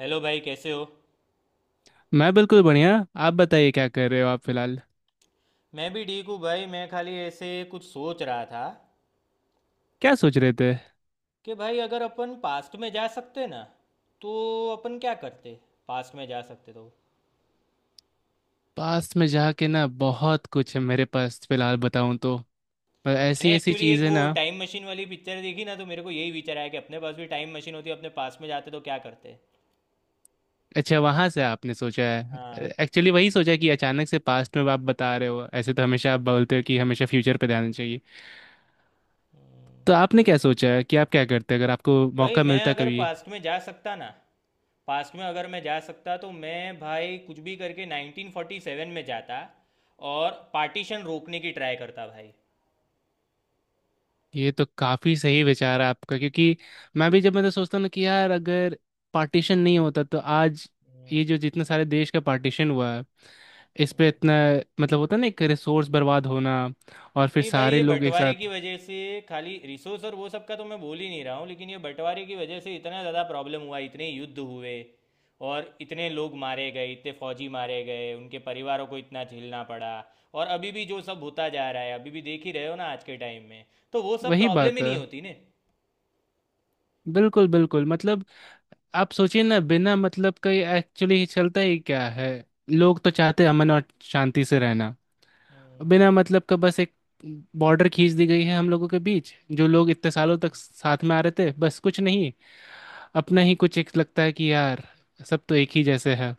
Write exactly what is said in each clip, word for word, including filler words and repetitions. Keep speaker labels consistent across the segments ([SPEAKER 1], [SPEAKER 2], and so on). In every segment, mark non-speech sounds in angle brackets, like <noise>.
[SPEAKER 1] Hello भाई, कैसे हो?
[SPEAKER 2] मैं बिल्कुल बढ़िया। आप बताइए क्या कर रहे हो आप फिलहाल।
[SPEAKER 1] मैं भी ठीक हूँ भाई। मैं खाली ऐसे कुछ सोच रहा था
[SPEAKER 2] क्या सोच रहे थे?
[SPEAKER 1] कि भाई, अगर अपन पास्ट में जा सकते ना, तो अपन क्या करते? पास्ट में जा सकते तो
[SPEAKER 2] पास्ट में जाके ना बहुत कुछ है मेरे पास फिलहाल बताऊं तो। पर ऐसी
[SPEAKER 1] मैंने
[SPEAKER 2] ऐसी
[SPEAKER 1] एक्चुअली एक
[SPEAKER 2] चीज़ें
[SPEAKER 1] वो
[SPEAKER 2] ना।
[SPEAKER 1] टाइम मशीन वाली पिक्चर देखी ना, तो मेरे को यही विचार आया कि अपने पास भी टाइम मशीन होती, अपने पास्ट में जाते तो क्या करते।
[SPEAKER 2] अच्छा, वहां से आपने सोचा है?
[SPEAKER 1] हाँ
[SPEAKER 2] एक्चुअली वही सोचा कि अचानक से पास्ट में आप बता रहे हो, ऐसे तो हमेशा आप बोलते हो कि हमेशा फ्यूचर पे ध्यान देना चाहिए। तो आपने क्या सोचा है कि आप क्या करते अगर आपको
[SPEAKER 1] भाई,
[SPEAKER 2] मौका
[SPEAKER 1] मैं
[SPEAKER 2] मिलता
[SPEAKER 1] अगर
[SPEAKER 2] कभी?
[SPEAKER 1] पास्ट में जा सकता ना, पास्ट में अगर मैं जा सकता तो मैं भाई कुछ भी करके उन्नीस सौ सैंतालीस में जाता, और पार्टीशन रोकने की ट्राई करता भाई।
[SPEAKER 2] ये तो काफी सही विचार है आपका, क्योंकि मैं भी, जब मैं तो सोचता हूँ ना कि यार अगर पार्टीशन नहीं होता तो आज ये जो जितने सारे देश का पार्टीशन हुआ है, इस पे इतना मतलब होता है ना, एक रिसोर्स बर्बाद होना। और फिर
[SPEAKER 1] नहीं भाई,
[SPEAKER 2] सारे
[SPEAKER 1] ये
[SPEAKER 2] लोग एक
[SPEAKER 1] बंटवारे
[SPEAKER 2] साथ।
[SPEAKER 1] की वजह से खाली रिसोर्स और वो सब का तो मैं बोल ही नहीं रहा हूँ, लेकिन ये बंटवारे की वजह से इतना ज़्यादा प्रॉब्लम हुआ, इतने युद्ध हुए, और इतने लोग मारे गए, इतने फौजी मारे गए, उनके परिवारों को इतना झेलना पड़ा। और अभी भी जो सब होता जा रहा है, अभी भी देख ही रहे हो ना आज के टाइम में। तो वो सब
[SPEAKER 2] वही
[SPEAKER 1] प्रॉब्लम
[SPEAKER 2] बात
[SPEAKER 1] ही
[SPEAKER 2] है।
[SPEAKER 1] नहीं होती ने।
[SPEAKER 2] बिल्कुल बिल्कुल, मतलब आप सोचिए ना, बिना मतलब का ये एक्चुअली चलता ही क्या है? लोग तो चाहते हैं अमन और शांति से रहना।
[SPEAKER 1] हम्म।
[SPEAKER 2] बिना मतलब का बस एक बॉर्डर खींच दी गई है हम लोगों के बीच, जो लोग इतने सालों तक साथ में आ रहे थे। बस कुछ नहीं, अपना ही कुछ एक लगता है कि यार सब तो एक ही जैसे है।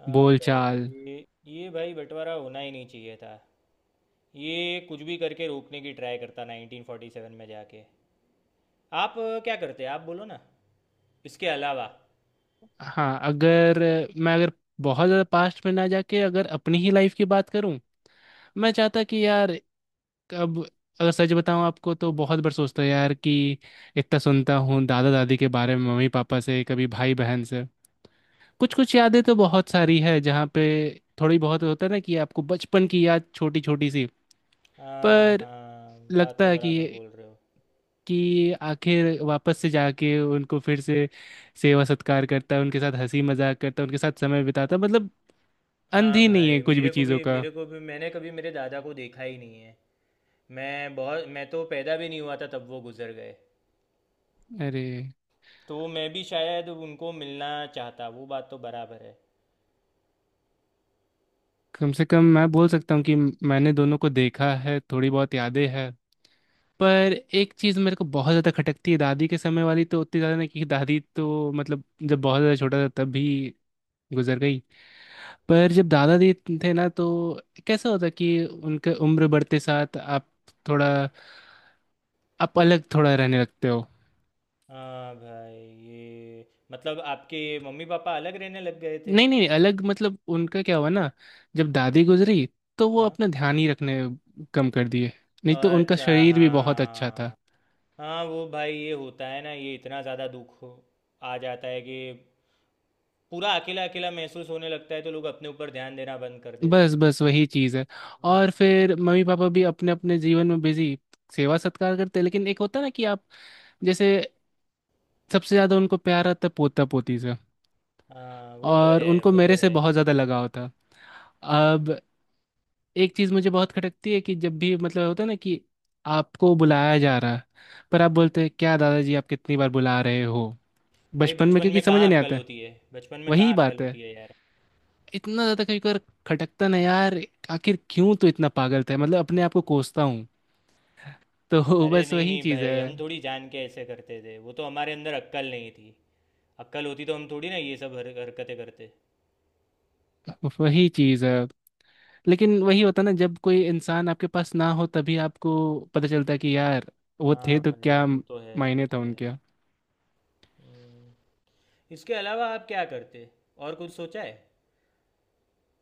[SPEAKER 1] हाँ
[SPEAKER 2] बोल चाल।
[SPEAKER 1] भाई, ये ये भाई बंटवारा होना ही नहीं चाहिए था। ये कुछ भी करके रोकने की ट्राई करता उन्नीस सौ सैंतालीस में जाके। आप अ, क्या करते? आप बोलो ना, इसके अलावा।
[SPEAKER 2] हाँ, अगर मैं अगर बहुत ज़्यादा पास्ट में ना जाके अगर अपनी ही लाइफ की बात करूं, मैं चाहता कि यार अब, अगर सच बताऊं आपको तो बहुत बार सोचता यार कि इतना सुनता हूँ दादा दादी के बारे में मम्मी पापा से, कभी भाई बहन से। कुछ कुछ यादें तो बहुत सारी है, जहाँ पे थोड़ी बहुत होता है ना कि आपको बचपन की याद छोटी छोटी सी।
[SPEAKER 1] हाँ
[SPEAKER 2] पर
[SPEAKER 1] हाँ, बात
[SPEAKER 2] लगता
[SPEAKER 1] तो
[SPEAKER 2] है
[SPEAKER 1] बराबर
[SPEAKER 2] कि
[SPEAKER 1] बोल रहे हो।
[SPEAKER 2] कि आखिर वापस से जाके उनको फिर से सेवा सत्कार करता है, उनके साथ हंसी मजाक करता है, उनके साथ समय बिताता है, मतलब अंत
[SPEAKER 1] हाँ
[SPEAKER 2] ही नहीं है
[SPEAKER 1] भाई,
[SPEAKER 2] कुछ भी
[SPEAKER 1] मेरे को
[SPEAKER 2] चीज़ों
[SPEAKER 1] भी
[SPEAKER 2] का।
[SPEAKER 1] मेरे को भी मैंने कभी मेरे दादा को देखा ही नहीं है। मैं बहुत मैं तो पैदा भी नहीं हुआ था तब वो गुजर गए।
[SPEAKER 2] अरे,
[SPEAKER 1] तो मैं भी शायद उनको मिलना चाहता, वो बात तो बराबर है।
[SPEAKER 2] कम से कम मैं बोल सकता हूँ कि मैंने दोनों को देखा है, थोड़ी बहुत यादें हैं। पर एक चीज़ मेरे को बहुत ज़्यादा खटकती है, दादी के समय वाली तो उतनी ज़्यादा नहीं क्योंकि दादी तो मतलब जब बहुत ज़्यादा छोटा था तब भी गुजर गई। पर जब दादा जी थे ना, तो कैसा होता कि उनके उम्र बढ़ते साथ आप थोड़ा, आप अलग थोड़ा रहने लगते हो।
[SPEAKER 1] हाँ भाई, ये मतलब आपके मम्मी पापा अलग रहने लग गए थे?
[SPEAKER 2] नहीं नहीं, अलग मतलब उनका क्या हुआ ना, जब दादी गुजरी तो वो
[SPEAKER 1] हाँ।
[SPEAKER 2] अपना ध्यान ही रखने कम कर दिए। नहीं तो उनका
[SPEAKER 1] अच्छा।
[SPEAKER 2] शरीर भी बहुत अच्छा था।
[SPEAKER 1] हाँ। हाँ वो भाई, ये होता है ना, ये इतना ज़्यादा दुख हो आ जाता है कि पूरा अकेला अकेला महसूस होने लगता है, तो लोग अपने ऊपर ध्यान देना बंद कर देते
[SPEAKER 2] बस
[SPEAKER 1] हैं।
[SPEAKER 2] बस वही चीज़ है।
[SPEAKER 1] हम्म।
[SPEAKER 2] और फिर मम्मी पापा भी अपने अपने जीवन में बिजी, सेवा सत्कार करते हैं, लेकिन एक होता है ना कि आप जैसे सबसे ज़्यादा उनको प्यार आता है पोता पोती से।
[SPEAKER 1] हाँ, वो तो
[SPEAKER 2] और
[SPEAKER 1] है,
[SPEAKER 2] उनको
[SPEAKER 1] वो तो
[SPEAKER 2] मेरे से
[SPEAKER 1] है।
[SPEAKER 2] बहुत ज़्यादा लगाव था।
[SPEAKER 1] हाँ।
[SPEAKER 2] अब एक चीज मुझे बहुत खटकती है कि जब भी मतलब होता है ना कि आपको बुलाया जा रहा है, पर आप बोलते हैं क्या दादाजी आप कितनी बार बुला रहे हो?
[SPEAKER 1] भाई
[SPEAKER 2] बचपन में
[SPEAKER 1] बचपन
[SPEAKER 2] क्योंकि
[SPEAKER 1] में
[SPEAKER 2] समझ
[SPEAKER 1] कहाँ
[SPEAKER 2] नहीं
[SPEAKER 1] अक्ल
[SPEAKER 2] आता है।
[SPEAKER 1] होती है, बचपन में
[SPEAKER 2] वही
[SPEAKER 1] कहाँ अक्ल
[SPEAKER 2] बात है,
[SPEAKER 1] होती है यार।
[SPEAKER 2] इतना ज्यादा कभी कभार खटकता ना यार, आखिर क्यों तो इतना पागल था, मतलब अपने आप को कोसता हूँ तो <laughs>
[SPEAKER 1] अरे
[SPEAKER 2] बस
[SPEAKER 1] नहीं
[SPEAKER 2] वही
[SPEAKER 1] नहीं
[SPEAKER 2] चीज
[SPEAKER 1] भाई,
[SPEAKER 2] है।
[SPEAKER 1] हम थोड़ी जान के ऐसे करते थे, वो तो हमारे अंदर अक्ल नहीं थी। अक्ल होती तो हम थोड़ी ना ये सब हर, हरकतें करते।
[SPEAKER 2] वही चीज है, लेकिन वही होता ना, जब कोई इंसान आपके पास ना हो तभी आपको पता चलता है कि यार वो थे
[SPEAKER 1] हाँ
[SPEAKER 2] तो
[SPEAKER 1] भाई
[SPEAKER 2] क्या
[SPEAKER 1] वो तो है, वो
[SPEAKER 2] मायने था
[SPEAKER 1] तो है।
[SPEAKER 2] उनके।
[SPEAKER 1] हम्म। इसके अलावा आप क्या करते? और कुछ सोचा है?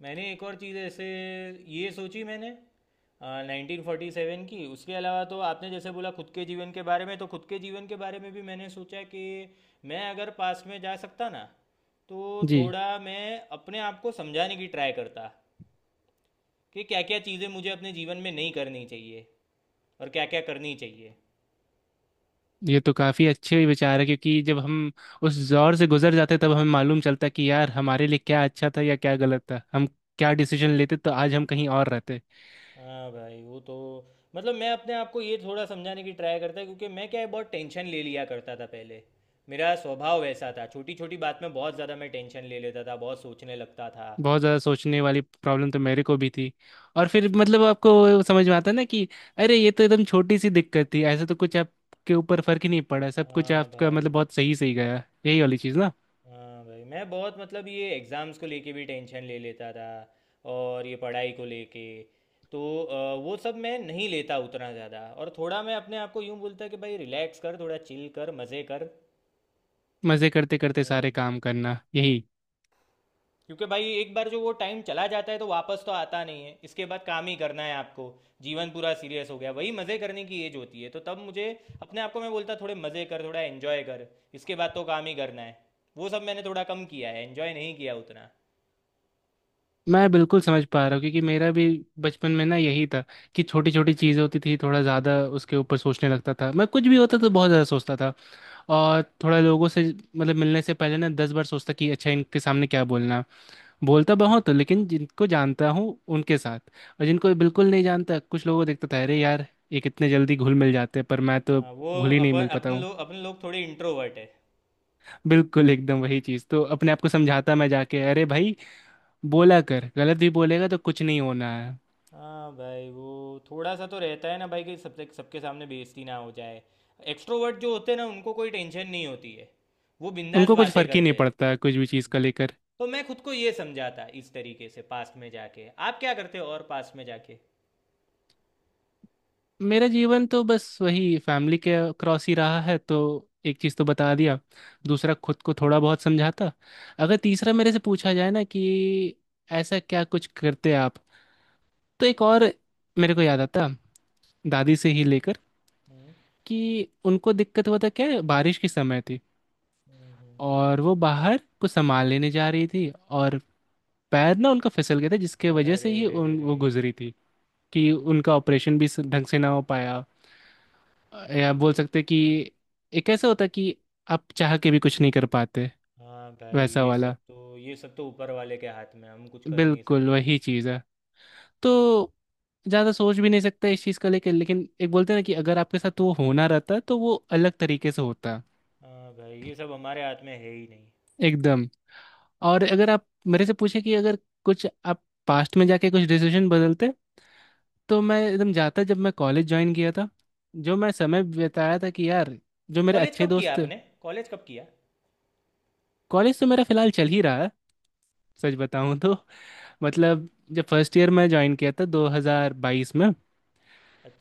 [SPEAKER 1] मैंने एक और चीज़ ऐसे ये सोची मैंने, नाइनटीन फोर्टी सेवन की। उसके अलावा तो आपने जैसे बोला खुद के जीवन के बारे में, तो खुद के जीवन के बारे में भी मैंने सोचा कि मैं अगर पास में जा सकता ना, तो
[SPEAKER 2] जी।
[SPEAKER 1] थोड़ा मैं अपने आप को समझाने की ट्राई करता कि क्या क्या चीज़ें मुझे अपने जीवन में नहीं करनी चाहिए और क्या क्या करनी चाहिए।
[SPEAKER 2] ये तो काफी अच्छे विचार है, क्योंकि जब हम उस दौर से गुजर जाते तब हमें मालूम चलता है कि यार हमारे लिए क्या अच्छा था या क्या गलत था, हम क्या डिसीजन लेते तो आज हम कहीं और रहते।
[SPEAKER 1] हाँ भाई वो तो, मतलब मैं अपने आप को ये थोड़ा समझाने की ट्राई करता है, क्योंकि मैं क्या है बहुत टेंशन ले लिया करता था पहले। मेरा स्वभाव वैसा था, छोटी छोटी बात में बहुत ज़्यादा मैं टेंशन ले लेता था, बहुत सोचने लगता था।
[SPEAKER 2] बहुत ज़्यादा सोचने वाली प्रॉब्लम तो मेरे को भी थी। और फिर मतलब आपको समझ में आता है ना कि अरे ये तो एकदम छोटी सी दिक्कत थी, ऐसे तो कुछ आपके ऊपर फर्क ही नहीं पड़ा, सब कुछ
[SPEAKER 1] हाँ
[SPEAKER 2] आपका मतलब
[SPEAKER 1] भाई,
[SPEAKER 2] बहुत सही सही गया, यही वाली चीज़ ना।
[SPEAKER 1] हाँ भाई मैं बहुत मतलब ये एग्ज़ाम्स को लेके भी टेंशन ले लेता था, और ये पढ़ाई को लेके। तो अ, वो सब मैं नहीं लेता उतना ज़्यादा, और थोड़ा मैं अपने आप को यूँ बोलता कि भाई रिलैक्स कर, थोड़ा चिल कर, मज़े कर।
[SPEAKER 2] मज़े करते करते सारे
[SPEAKER 1] हम्म।
[SPEAKER 2] काम करना, यही।
[SPEAKER 1] क्योंकि भाई एक बार जो वो टाइम चला जाता है तो वापस तो आता नहीं है, इसके बाद काम ही करना है आपको। जीवन पूरा सीरियस हो गया, वही मज़े करने की एज होती है, तो तब मुझे अपने आप को मैं बोलता थोड़े मज़े कर, थोड़ा एन्जॉय कर, इसके बाद तो काम ही करना है। वो सब मैंने थोड़ा कम किया है, एन्जॉय नहीं किया उतना।
[SPEAKER 2] मैं बिल्कुल समझ पा रहा हूँ, क्योंकि मेरा भी बचपन में ना यही था कि छोटी छोटी चीज़ होती थी, थोड़ा ज़्यादा उसके ऊपर सोचने लगता था मैं, कुछ भी होता तो बहुत ज़्यादा सोचता था। और थोड़ा लोगों से, मतलब मिलने से पहले ना दस बार सोचता कि अच्छा इनके सामने क्या बोलना है। बोलता बहुत हूँ लेकिन जिनको जानता हूँ उनके साथ। और जिनको बिल्कुल नहीं जानता, कुछ लोगों को देखता था, अरे यार ये कितने जल्दी घुल मिल जाते हैं, पर मैं तो
[SPEAKER 1] आ, वो
[SPEAKER 2] घुल ही नहीं मिल
[SPEAKER 1] अपन
[SPEAKER 2] पाता
[SPEAKER 1] अपने
[SPEAKER 2] हूँ।
[SPEAKER 1] लोग अपने लोग थोड़े इंट्रोवर्ट है।
[SPEAKER 2] <laughs> बिल्कुल एकदम वही चीज़, तो अपने आप को समझाता मैं जाके, अरे भाई बोला कर, गलत भी बोलेगा तो कुछ नहीं होना है।
[SPEAKER 1] हाँ भाई, वो थोड़ा सा तो रहता है ना भाई कि सबसे सबके सामने बेइज्जती ना हो जाए। एक्सट्रोवर्ट जो होते हैं ना, उनको कोई टेंशन नहीं होती है, वो बिंदास
[SPEAKER 2] उनको कुछ
[SPEAKER 1] बातें
[SPEAKER 2] फर्क ही नहीं
[SPEAKER 1] करते हैं।
[SPEAKER 2] पड़ता कुछ भी चीज़ का लेकर।
[SPEAKER 1] तो मैं खुद को ये समझाता इस तरीके से पास्ट में जाके आप क्या करते हो। और पास्ट में जाके...
[SPEAKER 2] मेरा जीवन तो बस वही फैमिली के क्रॉस ही रहा है, तो एक चीज़ तो बता दिया। दूसरा, खुद को थोड़ा बहुत समझाता। अगर तीसरा मेरे से पूछा जाए ना कि ऐसा क्या कुछ करते आप, तो एक और मेरे को याद आता, दादी से ही लेकर
[SPEAKER 1] हम्म।
[SPEAKER 2] कि उनको दिक्कत हुआ था, क्या है, बारिश के समय थी
[SPEAKER 1] हम्म।
[SPEAKER 2] और वो बाहर कुछ सामान लेने जा रही थी, और पैर ना उनका फिसल गया था, जिसके वजह
[SPEAKER 1] अरे
[SPEAKER 2] से
[SPEAKER 1] रे,
[SPEAKER 2] ही
[SPEAKER 1] रे
[SPEAKER 2] उन
[SPEAKER 1] रे।
[SPEAKER 2] वो गुजरी थी। कि उनका ऑपरेशन भी स- ढंग से ना हो पाया, या बोल सकते कि एक ऐसा होता कि आप चाह के भी कुछ नहीं कर पाते।
[SPEAKER 1] हाँ भाई,
[SPEAKER 2] वैसा
[SPEAKER 1] ये सब
[SPEAKER 2] वाला।
[SPEAKER 1] तो ये सब तो ऊपर वाले के हाथ में है, हम कुछ कर नहीं
[SPEAKER 2] बिल्कुल
[SPEAKER 1] सकते।
[SPEAKER 2] वही चीज़ है, तो ज़्यादा सोच भी नहीं सकता इस चीज़ को लेकर, लेकिन एक बोलते हैं ना कि अगर आपके साथ वो होना रहता तो वो अलग तरीके से होता।
[SPEAKER 1] हाँ भाई, ये सब हमारे हाथ में है ही नहीं।
[SPEAKER 2] एकदम। और अगर आप मेरे से पूछे कि अगर कुछ आप पास्ट में जाके कुछ डिसीजन बदलते, तो मैं एकदम जाता जब मैं कॉलेज ज्वाइन किया था, जो मैं समय बिताया था, कि यार जो मेरे
[SPEAKER 1] कॉलेज
[SPEAKER 2] अच्छे
[SPEAKER 1] कब किया
[SPEAKER 2] दोस्त थे।
[SPEAKER 1] आपने? कॉलेज कब किया?
[SPEAKER 2] कॉलेज तो मेरा फिलहाल चल ही रहा है, सच बताऊं तो। मतलब जब फर्स्ट ईयर में ज्वाइन किया था दो हज़ार बाईस में,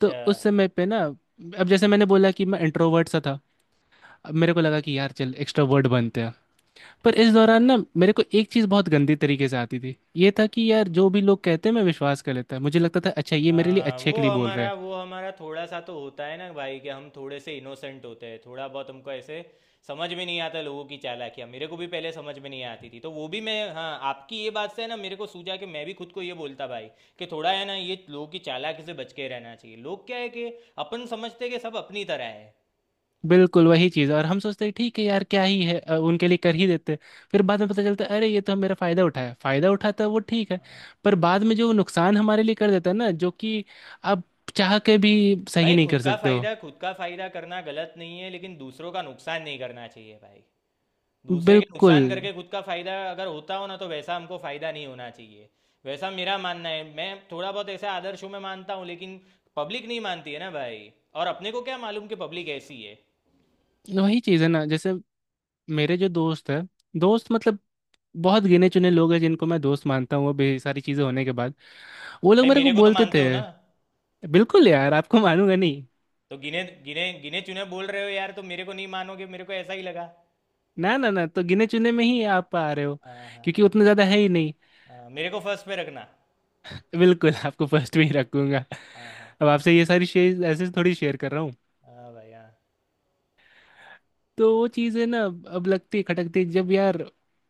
[SPEAKER 2] तो उस समय पे ना, अब जैसे मैंने बोला कि मैं इंट्रोवर्ट सा था, अब मेरे को लगा कि यार चल एक्सट्रोवर्ट बनते हैं। पर इस दौरान ना मेरे को एक चीज़ बहुत गंदी तरीके से आती थी, ये था कि यार जो भी लोग कहते हैं मैं विश्वास कर लेता, मुझे लगता था अच्छा ये मेरे लिए
[SPEAKER 1] हाँ,
[SPEAKER 2] अच्छे के
[SPEAKER 1] वो
[SPEAKER 2] लिए बोल रहे
[SPEAKER 1] हमारा
[SPEAKER 2] हैं।
[SPEAKER 1] वो हमारा थोड़ा सा तो होता है ना भाई कि हम थोड़े से इनोसेंट होते हैं, थोड़ा बहुत हमको ऐसे समझ में नहीं आता लोगों की चालाकियाँ। मेरे को भी पहले समझ में नहीं आती थी, तो वो भी मैं, हाँ आपकी ये बात से है ना, मेरे को सूझा कि मैं भी खुद को ये बोलता भाई कि थोड़ा है ना ये लोगों की चालाकी से बच के रहना चाहिए। लोग क्या है कि अपन समझते हैं कि सब अपनी तरह है।
[SPEAKER 2] बिल्कुल वही चीज़, और हम सोचते हैं ठीक है यार, क्या ही है, अ, उनके लिए कर ही देते हैं। फिर बाद में पता चलता है अरे ये तो मेरा फ़ायदा उठाया, फ़ायदा उठाता है वो ठीक है, पर बाद में जो नुकसान हमारे लिए कर देता है ना, जो कि आप चाह के भी सही
[SPEAKER 1] भाई
[SPEAKER 2] नहीं
[SPEAKER 1] खुद
[SPEAKER 2] कर
[SPEAKER 1] का
[SPEAKER 2] सकते हो।
[SPEAKER 1] फायदा, खुद का फायदा करना गलत नहीं है, लेकिन दूसरों का नुकसान नहीं करना चाहिए भाई। दूसरे के
[SPEAKER 2] बिल्कुल।
[SPEAKER 1] नुकसान करके खुद का फायदा अगर होता हो ना, तो वैसा हमको फायदा नहीं होना चाहिए। वैसा मेरा मानना है। मैं थोड़ा बहुत ऐसे आदर्शों में मानता हूँ लेकिन पब्लिक नहीं मानती है ना भाई, और अपने को क्या मालूम कि पब्लिक ऐसी है।
[SPEAKER 2] वही चीज़ है ना, जैसे मेरे जो दोस्त है, दोस्त मतलब बहुत गिने चुने लोग हैं जिनको मैं दोस्त मानता हूँ, वो भी सारी चीज़ें होने के बाद। वो लोग
[SPEAKER 1] भाई
[SPEAKER 2] मेरे को
[SPEAKER 1] मेरे को तो
[SPEAKER 2] बोलते
[SPEAKER 1] मानते
[SPEAKER 2] थे।
[SPEAKER 1] हो ना?
[SPEAKER 2] बिल्कुल यार, आपको मानूंगा नहीं?
[SPEAKER 1] तो गिने गिने गिने चुने बोल रहे हो यार, तो मेरे को नहीं मानोगे? मेरे को ऐसा ही लगा।
[SPEAKER 2] ना ना ना, तो गिने चुने में ही आप आ रहे हो,
[SPEAKER 1] हाँ हाँ।
[SPEAKER 2] क्योंकि उतना ज़्यादा है ही नहीं।
[SPEAKER 1] हाँ मेरे को फर्स्ट पे रखना।
[SPEAKER 2] बिल्कुल आपको फर्स्ट में ही रखूंगा।
[SPEAKER 1] हाँ हाँ।
[SPEAKER 2] अब आपसे ये सारी चीज ऐसे थोड़ी शेयर कर रहा हूँ।
[SPEAKER 1] हाँ भाई। हाँ
[SPEAKER 2] तो वो चीज़ है ना, अब लगती है खटकती है, जब यार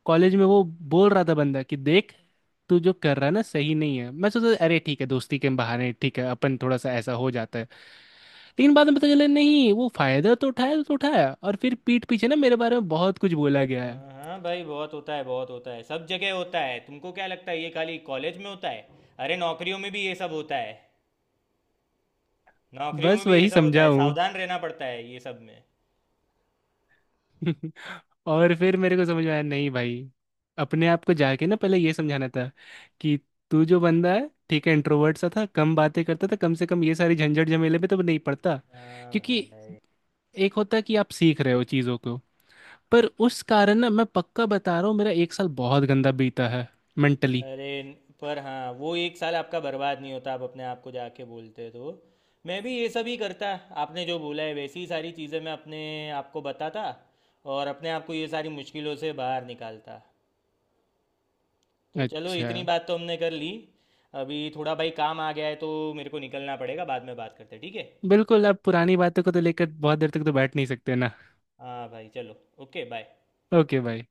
[SPEAKER 2] कॉलेज में वो बोल रहा था बंदा कि देख तू जो कर रहा है ना सही नहीं है, मैं सोचा अरे ठीक है दोस्ती के बहाने, ठीक है अपन थोड़ा सा ऐसा हो जाता है। लेकिन बाद में पता चला नहीं, वो फायदा तो उठाया तो उठाया, और फिर पीठ पीछे ना मेरे बारे में बहुत कुछ बोला गया है।
[SPEAKER 1] हाँ, हाँ भाई बहुत होता है, बहुत होता है, सब जगह होता है। तुमको क्या लगता है ये खाली कॉलेज में होता है? अरे नौकरियों में भी ये सब होता है, नौकरियों में
[SPEAKER 2] बस
[SPEAKER 1] भी ये
[SPEAKER 2] वही
[SPEAKER 1] सब होता
[SPEAKER 2] समझा
[SPEAKER 1] है,
[SPEAKER 2] हूँ।
[SPEAKER 1] सावधान रहना पड़ता है ये सब में।
[SPEAKER 2] <laughs> और फिर मेरे को समझ में आया, नहीं भाई अपने आप को जाके ना पहले ये समझाना था कि तू जो बंदा है ठीक है, इंट्रोवर्ट सा था, कम बातें करता था, कम से कम ये सारी झंझट झमेले में तो नहीं पड़ता,
[SPEAKER 1] हाँ
[SPEAKER 2] क्योंकि
[SPEAKER 1] भाई।
[SPEAKER 2] एक होता है कि आप सीख रहे हो चीज़ों को, पर उस कारण ना मैं पक्का बता रहा हूँ मेरा एक साल बहुत गंदा बीता है, मेंटली।
[SPEAKER 1] अरे। पर हाँ, वो एक साल आपका बर्बाद नहीं होता, आप अपने आप को जाके बोलते तो। मैं भी ये सब ही करता, आपने जो बोला है वैसी ही सारी चीज़ें मैं अपने आप को बताता, और अपने आप को ये सारी मुश्किलों से बाहर निकालता। तो चलो,
[SPEAKER 2] अच्छा।
[SPEAKER 1] इतनी बात तो हमने कर ली। अभी थोड़ा भाई काम आ गया है तो मेरे को निकलना पड़ेगा, बाद में बात करते हैं, ठीक है।
[SPEAKER 2] बिल्कुल, अब पुरानी बातों को तो लेकर बहुत देर तक तो बैठ नहीं सकते ना।
[SPEAKER 1] हाँ भाई चलो। Okay bye.
[SPEAKER 2] ओके भाई।